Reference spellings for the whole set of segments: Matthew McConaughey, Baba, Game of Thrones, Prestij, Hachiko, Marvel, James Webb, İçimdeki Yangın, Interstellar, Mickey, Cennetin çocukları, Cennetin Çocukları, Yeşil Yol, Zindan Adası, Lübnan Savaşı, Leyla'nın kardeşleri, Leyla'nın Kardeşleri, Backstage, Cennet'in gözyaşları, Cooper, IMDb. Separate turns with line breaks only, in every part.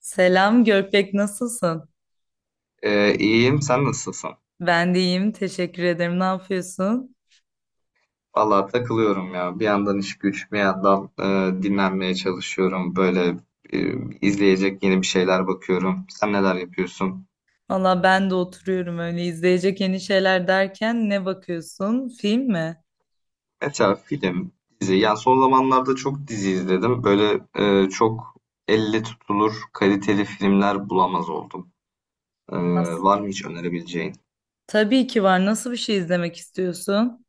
Selam Görpek nasılsın?
İyiyim. Sen nasılsın?
Ben de iyiyim, teşekkür ederim. Ne yapıyorsun?
Vallahi takılıyorum ya. Bir yandan iş güç, bir yandan dinlenmeye çalışıyorum. Böyle e, izleyecek yeni bir şeyler bakıyorum. Sen neler yapıyorsun?
Valla ben de oturuyorum öyle. İzleyecek yeni şeyler derken ne bakıyorsun? Film mi?
Mesela film, dizi. Yani son zamanlarda çok dizi izledim. Böyle çok elle tutulur, kaliteli filmler bulamaz oldum. Ee,
Nasıl?
Var mı hiç önerebileceğin?
Tabii ki var. Nasıl bir şey izlemek istiyorsun?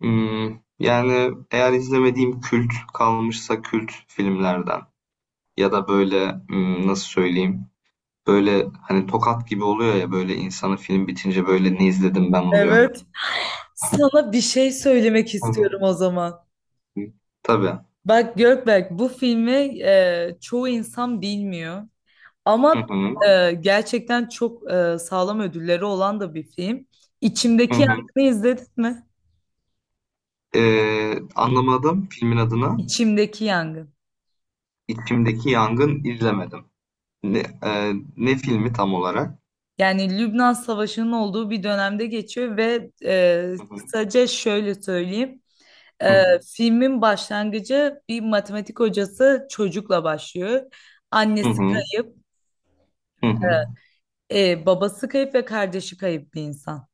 Hmm, Yani eğer izlemediğim kült kalmışsa kült filmlerden ya da böyle nasıl söyleyeyim? Böyle hani tokat gibi oluyor ya, böyle insanı film bitince böyle ne izledim ben oluyor.
Evet. Sana bir şey söylemek
Hı hı.
istiyorum o zaman.
Tabii.
Bak Gökberk, bu filmi çoğu insan bilmiyor
Hı
ama
hı.
gerçekten çok sağlam ödülleri olan da bir film.
Hı
İçimdeki
hı.
Yangın'ı izledin mi?
Anlamadım filmin adını.
İçimdeki Yangın.
İçimdeki Yangın izlemedim. Ne filmi tam olarak?
Yani Lübnan Savaşı'nın olduğu bir dönemde geçiyor ve
Hı hı.
kısaca şöyle söyleyeyim.
Hı
E,
hı.
Filmin başlangıcı bir matematik hocası çocukla başlıyor.
Hı
Annesi
hı.
kayıp,
Hı hı.
babası kayıp ve kardeşi kayıp bir insan.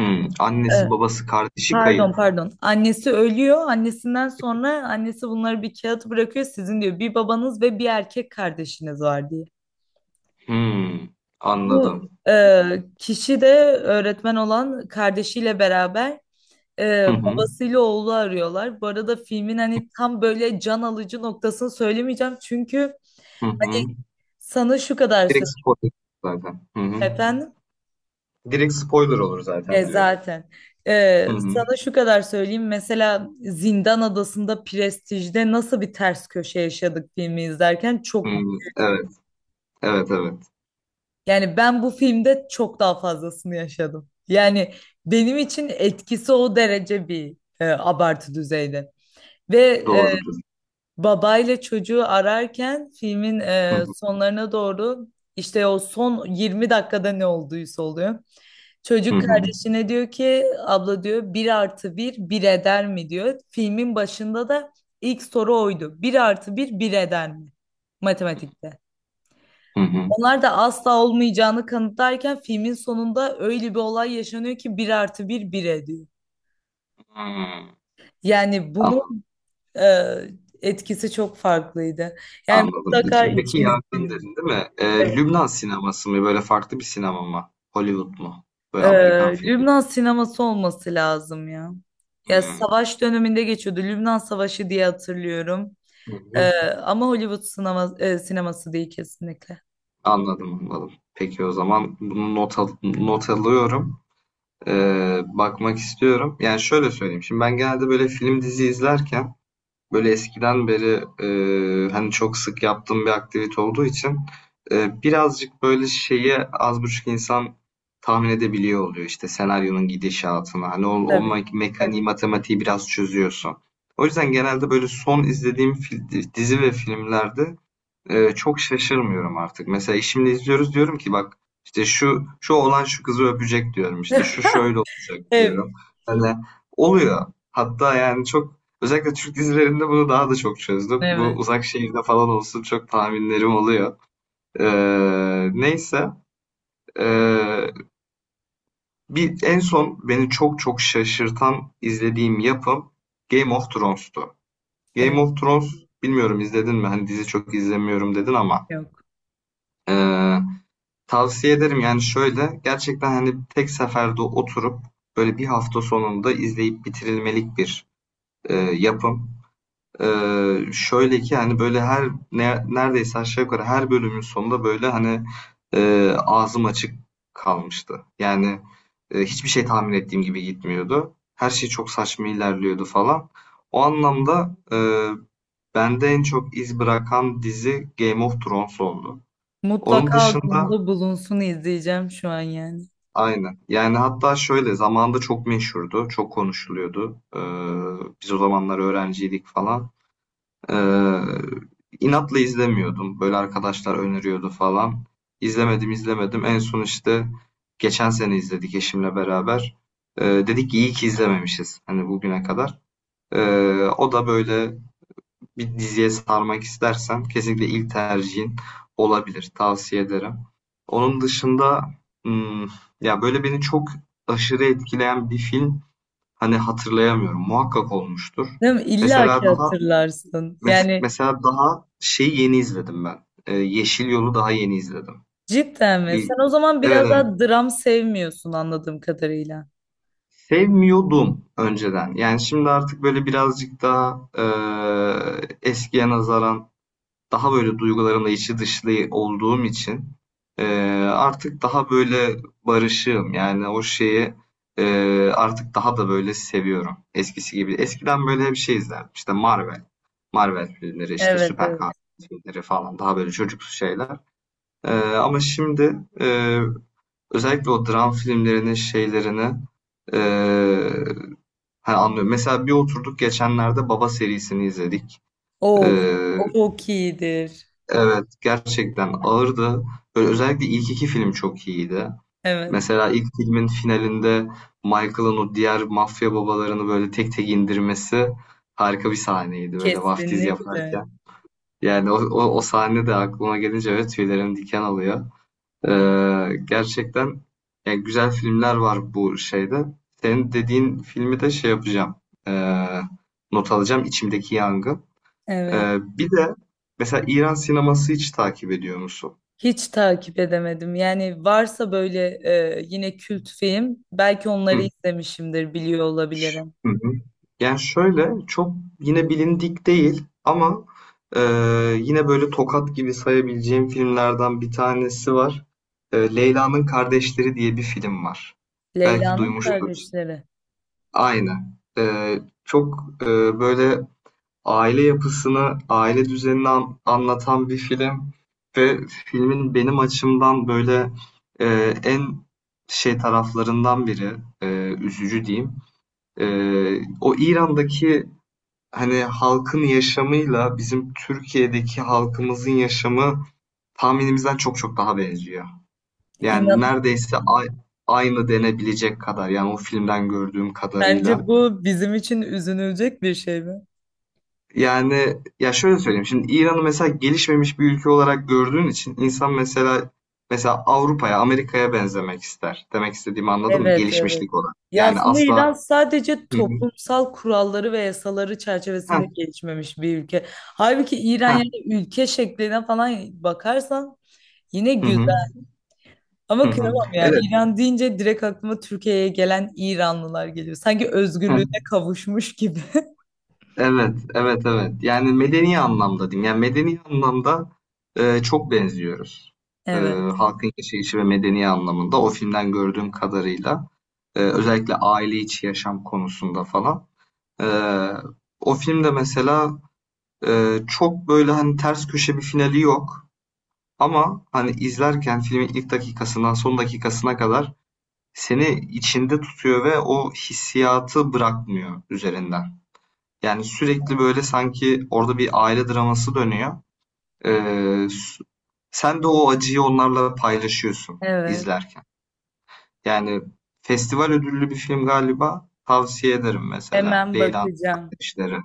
Hı. Annesi
E,
babası kardeşi
Pardon,
kayıp.
pardon. Annesi ölüyor. Annesinden sonra annesi bunları bir kağıt bırakıyor. Sizin diyor bir babanız ve bir erkek kardeşiniz var diye.
Hı.
Bu
Anladım.
kişi de öğretmen olan kardeşiyle beraber
Hı hı.
Babasıyla oğlu arıyorlar. Bu arada filmin hani tam böyle can alıcı noktasını söylemeyeceğim. Çünkü
Hı
e,
hı.
sana şu kadar
Direkt
söyleyeyim
spoiler zaten. Hı hı.
efendim.
Direkt spoiler olur zaten diyorum.
Zaten.
Hı hı.
Sana şu kadar söyleyeyim. Mesela Zindan Adası'nda, Prestij'de nasıl bir ters köşe yaşadık, filmi izlerken
Hı
çok,
hı. Evet. Evet, evet.
yani ben bu filmde çok daha fazlasını yaşadım. Yani benim için etkisi o derece bir abartı düzeyde. Ve
Doğrudur.
babayla çocuğu ararken filmin
Hı hı.
sonlarına doğru işte o son 20 dakikada ne olduysa oluyor.
Hı
Çocuk
hı.
kardeşine diyor ki abla diyor bir artı bir bir eder mi diyor. Filmin başında da ilk soru oydu. Bir artı bir bir eder mi? Matematikte.
Hı hı.
Onlar da asla olmayacağını kanıtlarken filmin sonunda öyle bir olay yaşanıyor ki bir artı bir bir ediyor.
Hıı.
Yani bunun
Anladım,
e, etkisi çok farklıydı. Yani
anladım.
mutlaka
İçimdeki
içinde.
Yangın dedin, değil mi?
Evet.
Lübnan sineması mı? Böyle farklı bir sinema mı? Hollywood mu? Böyle
Ee,
Amerikan filmi.
Lübnan sineması olması lazım ya. Ya
Hıı.
savaş döneminde geçiyordu. Lübnan Savaşı diye hatırlıyorum.
Hı hı.
Ama Hollywood sinema, sineması değil kesinlikle.
Anladım, anladım. Peki o zaman bunu not alıyorum. Bakmak istiyorum. Yani şöyle söyleyeyim. Şimdi ben genelde böyle film dizi izlerken, böyle eskiden beri hani çok sık yaptığım bir aktivite olduğu için birazcık böyle şeyi az buçuk insan tahmin edebiliyor oluyor. İşte senaryonun gidişatını, hani o, o
Tabii.
me- mekaniği, evet, matematiği biraz çözüyorsun. O yüzden genelde böyle son izlediğim dizi ve filmlerde çok şaşırmıyorum artık. Mesela eşimle izliyoruz, diyorum ki bak, işte şu şu oğlan şu kızı öpecek diyorum. İşte şu şöyle olacak
Evet,
diyorum. Hani oluyor. Hatta yani çok, özellikle Türk dizilerinde bunu daha da çok çözdüm. Bu
evet,
Uzak Şehirde falan olsun, çok tahminlerim oluyor. Neyse. Eee, bir en son beni çok çok şaşırtan izlediğim yapım Game of Thrones'tu. Game
evet,
of Thrones bilmiyorum izledin mi? Hani dizi çok izlemiyorum dedin ama.
yok.
Ee, Tavsiye ederim. Yani şöyle, gerçekten hani tek seferde oturup böyle bir hafta sonunda izleyip bitirilmelik bir yapım. E, Şöyle ki hani böyle her neredeyse aşağı yukarı her bölümün sonunda böyle hani ağzım açık kalmıştı. Yani hiçbir şey tahmin ettiğim gibi gitmiyordu. Her şey çok saçma ilerliyordu falan. O anlamda bende en çok iz bırakan dizi Game of Thrones oldu. Onun
Mutlaka
dışında.
aklımda bulunsun, izleyeceğim şu an yani.
Aynen. Yani hatta şöyle zamanda çok meşhurdu, çok konuşuluyordu. Biz o zamanlar öğrenciydik falan. Ee, inatla izlemiyordum. Böyle arkadaşlar öneriyordu falan. İzlemedim, izlemedim. En son işte geçen sene izledik eşimle beraber. Dedik ki iyi ki izlememişiz hani bugüne kadar. O da böyle bir diziye sarmak istersen kesinlikle ilk tercihin olabilir. Tavsiye ederim. Onun dışında hmm, ya böyle beni çok aşırı etkileyen bir film hani hatırlayamıyorum. Muhakkak olmuştur.
Değil mi? İlla
Mesela
ki
daha
hatırlarsın. Yani
mesela daha şey yeni izledim ben. Yeşil Yol'u daha yeni izledim.
cidden mi?
Bir
Sen o zaman
evet,
biraz
evet.
daha dram sevmiyorsun anladığım kadarıyla.
Sevmiyordum önceden. Yani şimdi artık böyle birazcık daha eskiye nazaran daha böyle duygularımla içi dışlı olduğum için e, artık daha böyle barışığım. Yani o şeyi e, artık daha da böyle seviyorum. Eskisi gibi. Eskiden böyle hep şey izlerdim. İşte Marvel. Marvel filmleri işte
Evet,
süper kahraman
evet.
filmleri falan, daha böyle çocuksu şeyler. Ama şimdi özellikle o dram filmlerinin şeylerini e, hani anlıyorum. Mesela bir oturduk, geçenlerde Baba serisini izledik. E,
Of, çok iyidir.
Evet, gerçekten ağırdı. Böyle özellikle ilk iki film çok iyiydi.
Evet.
Mesela ilk filmin finalinde Michael'ın o diğer mafya babalarını böyle tek tek indirmesi harika bir sahneydi, böyle vaftiz
Kesinlikle.
yaparken. Yani o sahne de aklıma gelince, evet, tüylerim diken alıyor. Gerçekten yani güzel filmler var bu şeyde. Senin dediğin filmi de şey yapacağım, ee, not alacağım, içimdeki yangın.
Evet.
Bir de mesela İran sineması hiç takip ediyor musun?
Hiç takip edemedim. Yani varsa böyle yine kült film, belki onları
Hı.
izlemişimdir, biliyor olabilirim.
Hı hı. Yani şöyle, çok yine bilindik değil ama yine böyle tokat gibi sayabileceğim filmlerden bir tanesi var. Leyla'nın Kardeşleri diye bir film var. Belki
Leyla'nın
duymuştur.
kardeşleri.
Aynen. Çok, böyle aile yapısını, aile düzenini anlatan bir film, ve filmin benim açımdan böyle, en şey taraflarından biri, eee, üzücü diyeyim, o İran'daki hani halkın yaşamıyla bizim Türkiye'deki halkımızın yaşamı tahminimizden çok çok daha benziyor. Yani
İnan
neredeyse aynı denebilecek kadar, yani o filmden gördüğüm
bence
kadarıyla.
bu bizim için üzünülecek bir şey mi?
Yani ya şöyle söyleyeyim, şimdi İran'ı mesela gelişmemiş bir ülke olarak gördüğün için insan mesela, Avrupa'ya, Amerika'ya benzemek ister. Demek istediğimi anladın mı?
Evet, evet.
Gelişmişlik olarak.
Ya
Yani
aslında
asla.
İran sadece
Hı hı.
toplumsal kuralları ve yasaları
Heh,
çerçevesinde gelişmemiş bir ülke. Halbuki İran,
heh,
yani ülke şekline falan bakarsan yine
hı hı,
güzel.
hı
Ama
hı.
kıyamam ya.
Evet.
İran deyince direkt aklıma Türkiye'ye gelen İranlılar geliyor. Sanki özgürlüğüne kavuşmuş gibi.
Evet, evet, evet. Yani medeni anlamda diyeyim. Yani medeni anlamda çok benziyoruz. E,
Evet,
Halkın yaşayışı ve medeni anlamında o filmden gördüğüm kadarıyla özellikle aile içi yaşam konusunda falan. E, O filmde mesela çok böyle hani ters köşe bir finali yok. Ama hani izlerken filmin ilk dakikasından son dakikasına kadar seni içinde tutuyor ve o hissiyatı bırakmıyor üzerinden. Yani sürekli böyle sanki orada bir aile draması dönüyor. Ee, Sen de o acıyı onlarla paylaşıyorsun
evet.
izlerken. Yani festival ödüllü bir film galiba. Tavsiye ederim mesela.
Hemen
Leyla'nın
bakacağım.
Kardeşleri.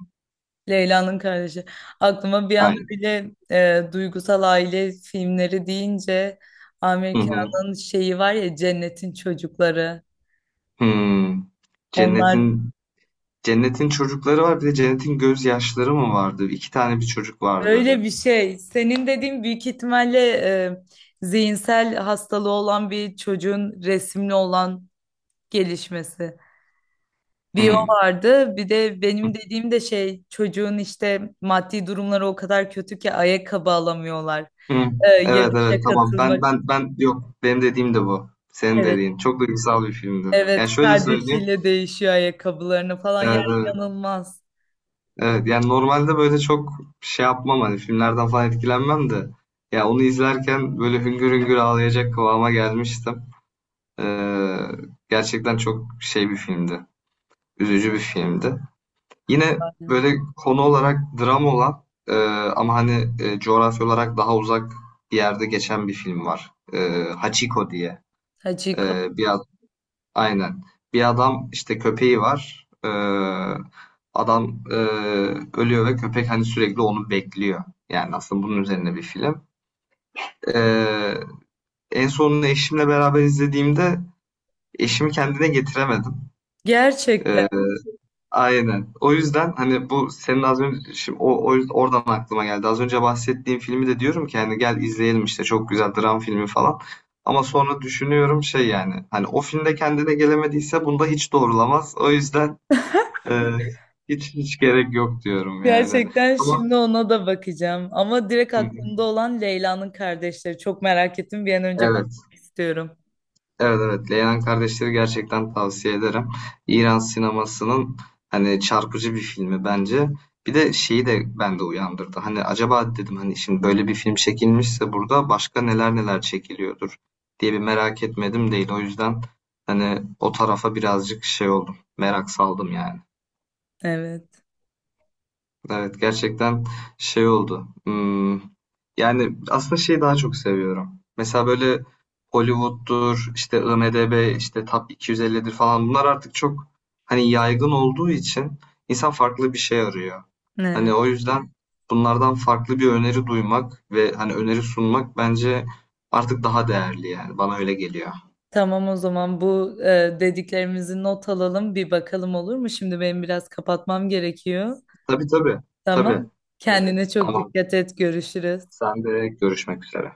Leyla'nın kardeşi. Aklıma bir anda
Aynen.
bile duygusal aile filmleri deyince
Hı hı.
Amerika'nın şeyi var ya, Cennetin Çocukları.
Hmm.
Onlar
Cennetin Cennetin çocukları var. Bir de Cennet'in Gözyaşları mı vardı? İki tane bir çocuk vardı.
öyle bir şey. Senin dediğin büyük ihtimalle zihinsel hastalığı olan bir çocuğun resimli olan gelişmesi. Bir o
Hmm.
vardı. Bir de benim dediğim de şey, çocuğun işte maddi durumları o kadar kötü ki ayakkabı alamıyorlar.
Hı. Evet, evet,
Yarışa
tamam. Ben
katılmak.
ben ben yok. Benim dediğim de bu. Senin
Evet.
dediğin. Çok duygusal bir filmdi. Yani
Evet,
şöyle söyleyeyim.
kardeşiyle değişiyor ayakkabılarını falan. Ya
Evet, evet.
inanılmaz.
Evet, yani normalde böyle çok şey yapmam, hani filmlerden falan etkilenmem, de ya onu izlerken böyle hüngür hüngür ağlayacak kıvama gelmiştim. Ee, Gerçekten çok şey bir filmdi. Üzücü bir filmdi. Yine
Aynen.
böyle konu olarak dram olan, ama hani coğrafya olarak daha uzak bir yerde geçen bir film var. Hachiko diye.
Hachiko.
Bir Aynen. Bir adam, işte köpeği var. Adam ölüyor ve köpek hani sürekli onu bekliyor. Yani aslında bunun üzerine bir film. Ee, En sonunu eşimle beraber izlediğimde eşimi kendine getiremedim.
Gerçekten.
Ee, aynen. O yüzden hani bu senin az önce, şimdi o yüzden oradan aklıma geldi. Az önce bahsettiğim filmi de diyorum ki hani gel izleyelim, işte çok güzel dram filmi falan. Ama sonra düşünüyorum şey, yani hani o filmde kendine gelemediyse bunda hiç doğrulamaz. O yüzden Eee, hiç hiç gerek yok diyorum yani.
Gerçekten
Ama.
şimdi ona da bakacağım. Ama direkt
Hı hı.
aklımda olan Leyla'nın kardeşleri. Çok merak ettim. Bir an önce
Evet,
bakmak istiyorum.
evet, evet. Leylan Kardeşleri gerçekten tavsiye ederim. İran sinemasının hani çarpıcı bir filmi bence. Bir de şeyi de bende uyandırdı. Hani acaba dedim, hani şimdi böyle bir film çekilmişse burada başka neler neler çekiliyordur diye bir merak etmedim değil. O yüzden hani o tarafa birazcık şey oldum. Merak saldım yani.
Evet.
Evet, gerçekten şey oldu. Yani aslında şeyi daha çok seviyorum. Mesela böyle Hollywood'dur, işte IMDb, işte Top 250'dir falan, bunlar artık çok hani yaygın olduğu için insan farklı bir şey arıyor. Hani
Evet.
o yüzden bunlardan farklı bir öneri duymak ve hani öneri sunmak bence artık daha değerli yani. Bana öyle geliyor.
Tamam, o zaman bu dediklerimizi not alalım, bir bakalım olur mu? Şimdi benim biraz kapatmam gerekiyor.
Tabii, tabii. Tabii.
Tamam.
Evet.
Kendine çok
Tamam.
dikkat et. Görüşürüz.
Sen de görüşmek üzere.